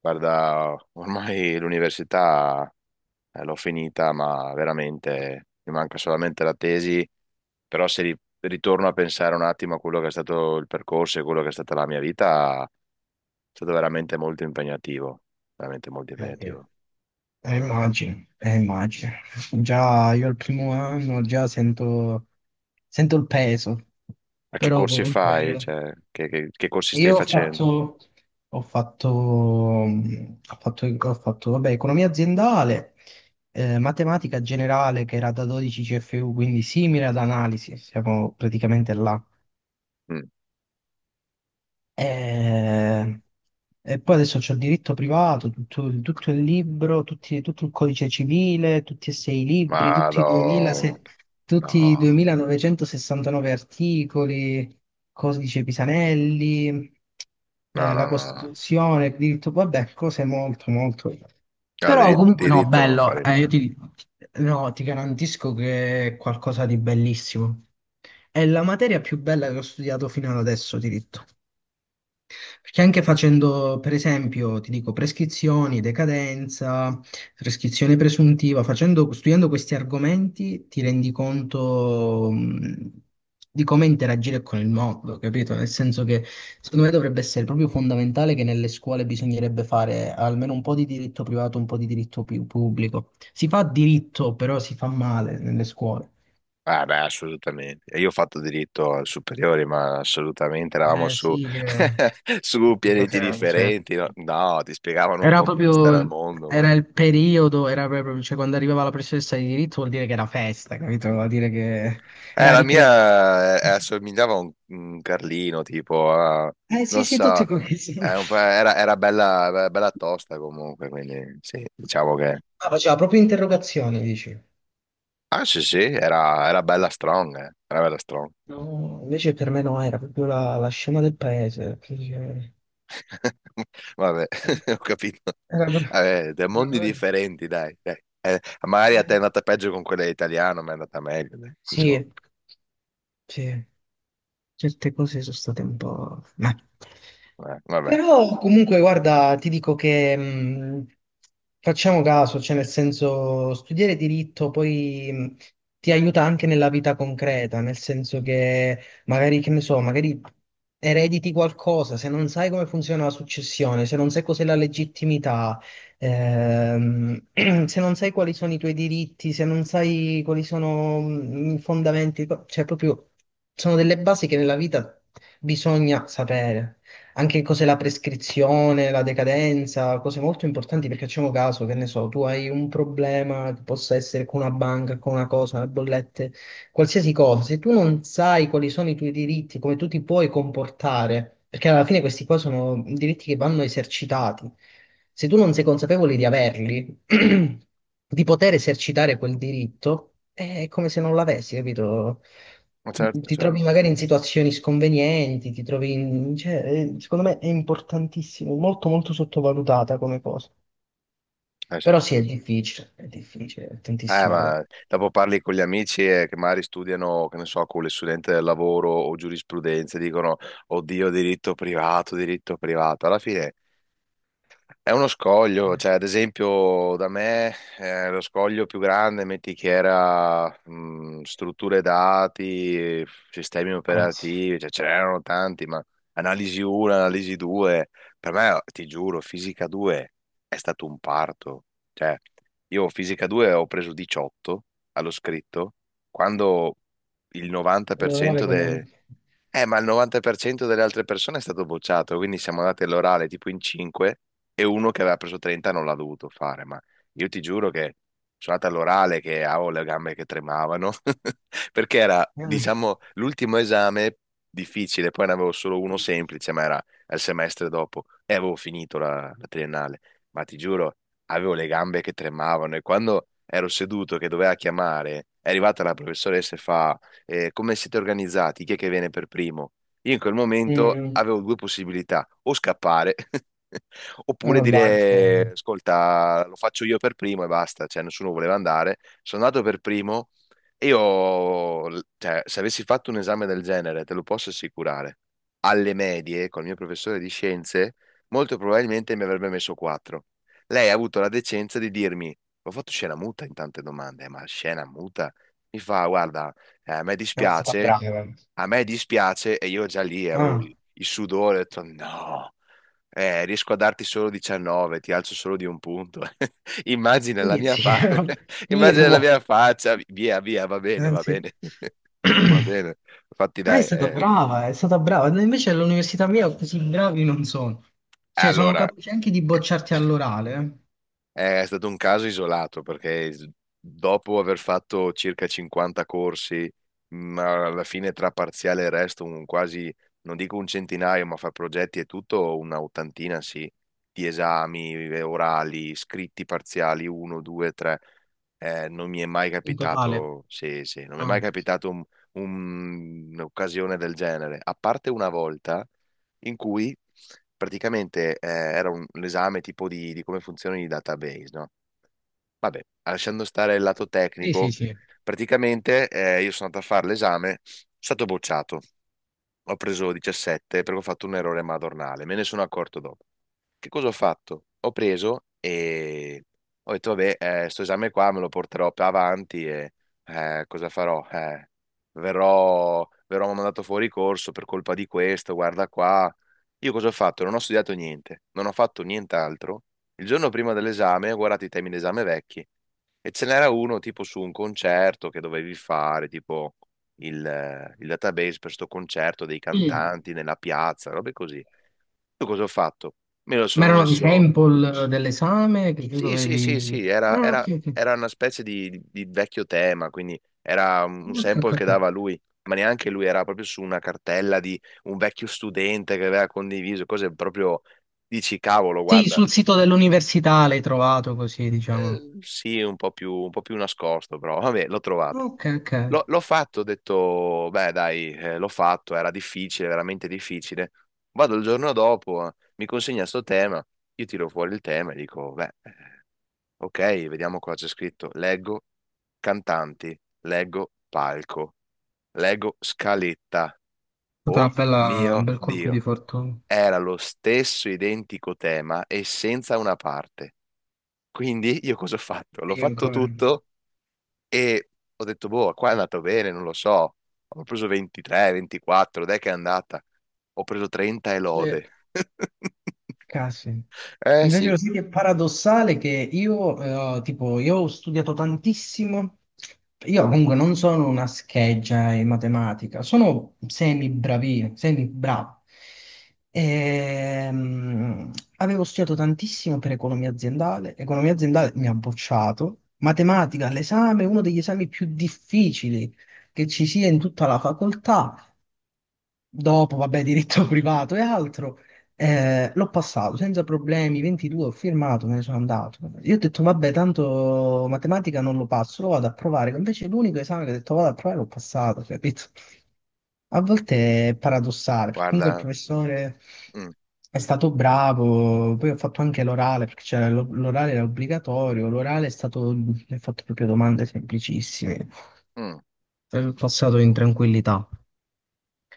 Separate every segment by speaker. Speaker 1: Guarda, ormai l'università l'ho finita, ma veramente mi manca solamente la tesi, però se ritorno a pensare un attimo a quello che è stato il percorso e quello che è stata la mia vita, è stato veramente molto impegnativo, veramente molto
Speaker 2: Sì.
Speaker 1: impegnativo.
Speaker 2: Immagino. Già io al primo anno già sento il peso,
Speaker 1: Ma che
Speaker 2: però
Speaker 1: corsi fai?
Speaker 2: comunque
Speaker 1: Cioè, che corsi stai
Speaker 2: io
Speaker 1: facendo?
Speaker 2: ho fatto, vabbè, economia aziendale, matematica generale che era da 12 CFU, quindi simile ad analisi, siamo praticamente là.
Speaker 1: Mm.
Speaker 2: E, e poi adesso c'ho il diritto privato, tutto il libro, tutto il codice civile, tutti e sei i libri,
Speaker 1: Ma
Speaker 2: tutti i
Speaker 1: no,
Speaker 2: 2006 tutti i
Speaker 1: no,
Speaker 2: 2969 articoli, codice Pisanelli,
Speaker 1: no, no,
Speaker 2: la
Speaker 1: no, no.
Speaker 2: Costituzione, il diritto, vabbè, cose molto, molto.
Speaker 1: Ah,
Speaker 2: Però comunque no,
Speaker 1: diritto non lo
Speaker 2: bello,
Speaker 1: farei mai.
Speaker 2: no, ti garantisco che è qualcosa di bellissimo. È la materia più bella che ho studiato fino ad adesso, diritto. Perché anche facendo, per esempio, ti dico, prescrizioni, decadenza, prescrizione presuntiva, studiando questi argomenti ti rendi conto, di come interagire con il mondo, capito? Nel senso che secondo me dovrebbe essere proprio fondamentale che nelle scuole bisognerebbe fare almeno un po' di diritto privato, un po' di diritto pubblico. Si fa diritto, però si fa male nelle scuole.
Speaker 1: Ah, beh, assolutamente. E io ho fatto diritto al superiore, ma assolutamente eravamo
Speaker 2: Eh
Speaker 1: su,
Speaker 2: sì,
Speaker 1: su
Speaker 2: che
Speaker 1: pianeti
Speaker 2: cos'è? Cioè.
Speaker 1: differenti. No? No, ti spiegavano un
Speaker 2: Era
Speaker 1: po' come stare al
Speaker 2: proprio,
Speaker 1: mondo. Ma...
Speaker 2: era il periodo, era proprio, cioè quando arrivava la professoressa di diritto vuol dire che era festa, capito? Vuol dire che era
Speaker 1: La
Speaker 2: ricreativa.
Speaker 1: mia assomigliava a un Carlino, tipo,
Speaker 2: Eh sì,
Speaker 1: non
Speaker 2: sì, tutti
Speaker 1: so,
Speaker 2: questi. Ma
Speaker 1: era, era bella, bella tosta comunque, quindi sì, diciamo che...
Speaker 2: faceva proprio interrogazioni, dici.
Speaker 1: Ah, sì, sì, era, era bella strong, eh. Era bella strong.
Speaker 2: No, invece per me no, era proprio la scema del paese. Quindi,
Speaker 1: Vabbè, ho capito.
Speaker 2: era proprio...
Speaker 1: Vabbè, da
Speaker 2: era
Speaker 1: mondi
Speaker 2: proprio-
Speaker 1: differenti, dai, dai. Magari a te è
Speaker 2: eh,
Speaker 1: andata peggio con quella italiana, ma è andata meglio, dai, diciamo.
Speaker 2: sì, sì. Certe cose sono state un po'... Ma
Speaker 1: Vabbè.
Speaker 2: però comunque guarda, ti dico che facciamo caso, cioè nel senso studiare diritto poi ti aiuta anche nella vita concreta, nel senso che magari, che ne so, magari erediti qualcosa, se non sai come funziona la successione, se non sai cos'è la legittimità. Ehm, Se non sai quali sono i tuoi diritti, se non sai quali sono i fondamenti, cioè proprio sono delle basi che nella vita bisogna sapere. Anche cos'è la prescrizione, la decadenza, cose molto importanti perché facciamo caso, che ne so, tu hai un problema che possa essere con una banca, con una cosa, le bollette, qualsiasi cosa, se tu non sai quali sono i tuoi diritti, come tu ti puoi comportare, perché alla fine questi qua sono diritti che vanno esercitati, se tu non sei consapevole di averli, di poter esercitare quel diritto, è come se non l'avessi, capito?
Speaker 1: Ma certo,
Speaker 2: Ti
Speaker 1: certo.
Speaker 2: trovi magari in situazioni sconvenienti, ti trovi in... cioè, secondo me è importantissimo, molto molto sottovalutata come cosa.
Speaker 1: Sì.
Speaker 2: Però sì, è difficile, è difficile, è tantissima roba.
Speaker 1: Ma dopo parli con gli amici che magari studiano, che ne so, con le studenti del lavoro o giurisprudenza, e dicono, oddio, diritto privato, diritto privato. Alla fine è uno scoglio, cioè ad esempio da me lo scoglio più grande, metti che era strutture dati, sistemi
Speaker 2: Grazie.
Speaker 1: operativi, cioè ce n'erano tanti, ma analisi 1, analisi 2, per me, ti giuro, fisica 2 è stato un parto. Cioè, io fisica 2 ho preso 18 allo scritto, quando il
Speaker 2: Meno male
Speaker 1: 90%
Speaker 2: come...
Speaker 1: ma il 90% delle altre persone è stato bocciato, quindi siamo andati all'orale tipo in 5 e uno che aveva preso 30 non l'ha dovuto fare, ma io ti giuro che sono andato all'orale che avevo le gambe che tremavano, perché era,
Speaker 2: Mm,
Speaker 1: diciamo, l'ultimo esame difficile, poi ne avevo solo uno semplice, ma era il semestre dopo e avevo finito la triennale, ma ti giuro, avevo le gambe che tremavano e quando ero seduto che doveva chiamare, è arrivata la professoressa e fa come siete organizzati, chi è che viene per primo? Io in quel momento
Speaker 2: mm,
Speaker 1: avevo due possibilità, o scappare oppure
Speaker 2: mannaggia,
Speaker 1: dire,
Speaker 2: non
Speaker 1: ascolta, lo faccio io per primo e basta, cioè nessuno voleva andare, sono andato per primo e io, cioè, se avessi fatto un esame del genere, te lo posso assicurare, alle medie, col mio professore di scienze, molto probabilmente mi avrebbe messo 4. Lei ha avuto la decenza di dirmi, ho fatto scena muta in tante domande, ma scena muta? Mi fa, guarda, eh, a me
Speaker 2: è stata
Speaker 1: dispiace,
Speaker 2: brava.
Speaker 1: a me dispiace e io già lì avevo
Speaker 2: Ah,
Speaker 1: il sudore, ho detto no, riesco a darti solo 19, ti alzo solo di un punto. Immagina la mia
Speaker 2: inizi,
Speaker 1: fa- immagina la
Speaker 2: firmo.
Speaker 1: mia faccia, via, via, va
Speaker 2: Anzi,
Speaker 1: bene, va bene. Infatti dai, eh.
Speaker 2: brava, è stata brava. No, invece all'università mia così bravi non sono. Cioè, sono
Speaker 1: Allora,
Speaker 2: capaci anche di bocciarti all'orale,
Speaker 1: è stato un caso isolato perché dopo aver fatto circa 50 corsi, ma alla fine tra parziale e resto, un quasi, non dico un centinaio, ma fra progetti e tutto, una ottantina sì, di esami orali, scritti parziali, uno, due, tre. Non mi è mai
Speaker 2: in totale.
Speaker 1: capitato, sì, sì, non mi è mai
Speaker 2: Ah.
Speaker 1: capitato un'occasione del genere, a parte una volta in cui praticamente era l'esame tipo di come funzionano i database, no? Vabbè, lasciando stare il lato
Speaker 2: Sì, sì,
Speaker 1: tecnico,
Speaker 2: sì.
Speaker 1: praticamente io sono andato a fare l'esame, sono stato bocciato, ho preso 17 perché ho fatto un errore madornale, me ne sono accorto dopo. Che cosa ho fatto? Ho preso e ho detto, vabbè, sto esame qua me lo porterò più avanti e cosa farò? Verrò mandato fuori corso per colpa di questo, guarda qua. Io cosa ho fatto? Non ho studiato niente, non ho fatto nient'altro. Il giorno prima dell'esame ho guardato i temi d'esame vecchi e ce n'era uno tipo su un concerto che dovevi fare, tipo il database per sto concerto dei
Speaker 2: Mm.
Speaker 1: cantanti nella piazza, robe così. Io cosa ho fatto? Me lo
Speaker 2: Ma
Speaker 1: sono
Speaker 2: erano dei
Speaker 1: messo,
Speaker 2: sample dell'esame che tu
Speaker 1: sì, sì, sì,
Speaker 2: dovevi...
Speaker 1: sì,
Speaker 2: Ah, ok, ok.
Speaker 1: era una specie di vecchio tema, quindi era un
Speaker 2: Ok, ok,
Speaker 1: sample che
Speaker 2: ok.
Speaker 1: dava lui, ma neanche lui, era proprio su una cartella di un vecchio studente che aveva condiviso cose proprio, dici, cavolo,
Speaker 2: Sì,
Speaker 1: guarda,
Speaker 2: sul sito dell'università l'hai trovato così, diciamo.
Speaker 1: sì, un po' più nascosto, però vabbè, l'ho trovato.
Speaker 2: Ok, ok, è
Speaker 1: L'ho fatto, ho detto, beh, dai, l'ho fatto, era difficile, veramente difficile. Vado il giorno dopo, mi consegna sto tema, io tiro fuori il tema e dico, beh... Ok, vediamo cosa c'è scritto. Leggo cantanti, leggo palco, leggo scaletta.
Speaker 2: stata una
Speaker 1: Oh
Speaker 2: un
Speaker 1: mio
Speaker 2: bel colpo di
Speaker 1: Dio,
Speaker 2: fortuna.
Speaker 1: era lo stesso identico tema e senza una parte. Quindi io cosa ho fatto? L'ho
Speaker 2: Meglio
Speaker 1: fatto
Speaker 2: ancora.
Speaker 1: tutto e ho detto, boh, qua è andato bene, non lo so. Ho preso 23, 24, dai che è andata. Ho preso 30 e
Speaker 2: Sì.
Speaker 1: lode.
Speaker 2: Casi.
Speaker 1: Eh
Speaker 2: Invece
Speaker 1: sì,
Speaker 2: lo sai che è paradossale che io, tipo, io ho studiato tantissimo, io comunque non sono una scheggia in matematica, sono semi bravo. Ehm, avevo studiato tantissimo per economia aziendale mi ha bocciato, matematica all'esame, uno degli esami più difficili che ci sia in tutta la facoltà dopo, vabbè, diritto privato e altro, l'ho passato senza problemi, 22, ho firmato, me ne sono andato. Io ho detto, vabbè, tanto matematica non lo passo, lo vado a provare. Invece l'unico esame che ho detto, vado a provare, l'ho passato, capito? A volte è paradossale, perché comunque il
Speaker 1: guarda,
Speaker 2: professore
Speaker 1: mm,
Speaker 2: è stato bravo, poi ho fatto anche l'orale, perché c'era l'orale era obbligatorio, l'orale è stato, mi ha fatto proprio domande semplicissime,
Speaker 1: mm,
Speaker 2: ho passato in tranquillità.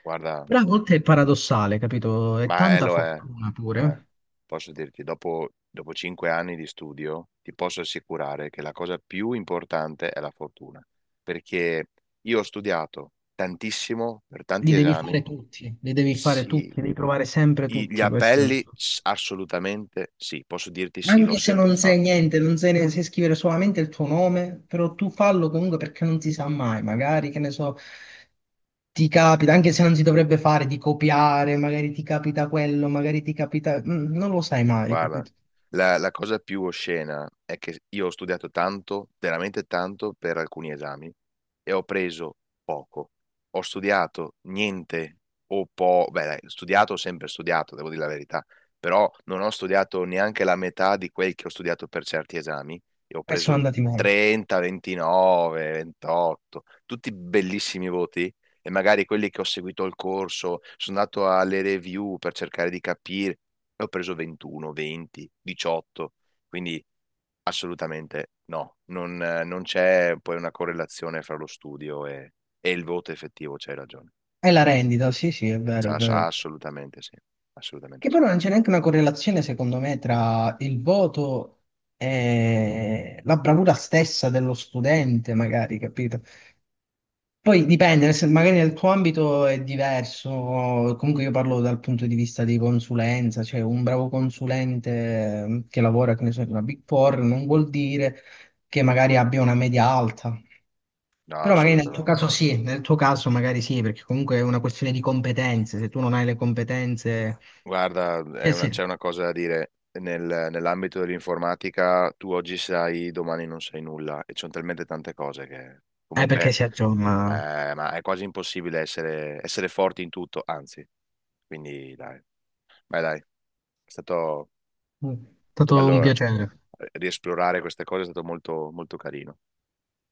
Speaker 1: guarda.
Speaker 2: Però a volte è paradossale, capito? È
Speaker 1: Ma
Speaker 2: tanta
Speaker 1: lo è,
Speaker 2: fortuna
Speaker 1: lo è.
Speaker 2: pure.
Speaker 1: Posso dirti, dopo, dopo 5 anni di studio, ti posso assicurare che la cosa più importante è la fortuna, perché io ho studiato tantissimo per
Speaker 2: Li
Speaker 1: tanti
Speaker 2: devi
Speaker 1: esami,
Speaker 2: fare tutti, li devi fare
Speaker 1: sì,
Speaker 2: tutti, devi provare sempre
Speaker 1: gli
Speaker 2: tutti, questo il
Speaker 1: appelli
Speaker 2: suo.
Speaker 1: assolutamente sì, posso dirti sì, l'ho
Speaker 2: Anche se
Speaker 1: sempre
Speaker 2: non sai
Speaker 1: fatto.
Speaker 2: niente, non sai, sai scrivere solamente il tuo nome, però tu fallo comunque perché non si sa mai, magari, che ne so, ti capita, anche se non si dovrebbe fare, di copiare, magari ti capita quello, magari ti capita... non lo sai mai,
Speaker 1: Guarda,
Speaker 2: capito?
Speaker 1: la cosa più oscena è che io ho studiato tanto, veramente tanto, per alcuni esami e ho preso poco. Ho studiato niente o po', beh, dai, studiato ho sempre studiato, devo dire la verità, però non ho studiato neanche la metà di quel che ho studiato per certi esami e ho
Speaker 2: E sono
Speaker 1: preso
Speaker 2: andati male.
Speaker 1: 30, 29, 28, tutti bellissimi voti. E magari quelli che ho seguito il corso, sono andato alle review per cercare di capire e ho preso 21, 20, 18, quindi assolutamente no, non, non c'è poi una correlazione fra lo studio e il voto effettivo, c'hai ragione.
Speaker 2: E la rendita, sì, sì, è vero, è
Speaker 1: C'ha
Speaker 2: vero.
Speaker 1: assolutamente sì,
Speaker 2: Che
Speaker 1: assolutamente sì.
Speaker 2: però non c'è neanche una correlazione, secondo me, tra il voto e la bravura stessa dello studente, magari, capito? Poi dipende, magari nel tuo ambito è diverso, comunque io parlo dal punto di vista di consulenza, cioè un bravo consulente che lavora, che ne so, in una Big Four non vuol dire che magari abbia una media alta.
Speaker 1: No,
Speaker 2: Però magari nel tuo
Speaker 1: assolutamente no.
Speaker 2: caso sì, nel tuo caso magari sì, perché comunque è una questione di competenze, se tu non hai le competenze...
Speaker 1: Guarda,
Speaker 2: Cioè, sì.
Speaker 1: c'è una cosa da dire. Nell'ambito dell'informatica tu oggi sai, domani non sai nulla e ci sono talmente tante cose che
Speaker 2: Perché
Speaker 1: comunque
Speaker 2: si aggiorna. È
Speaker 1: ma è quasi impossibile essere, essere forti in tutto, anzi, quindi dai, vai dai. È stato,
Speaker 2: Mm.
Speaker 1: è stato
Speaker 2: stato un
Speaker 1: bello
Speaker 2: piacere.
Speaker 1: riesplorare queste cose, è stato molto, molto carino.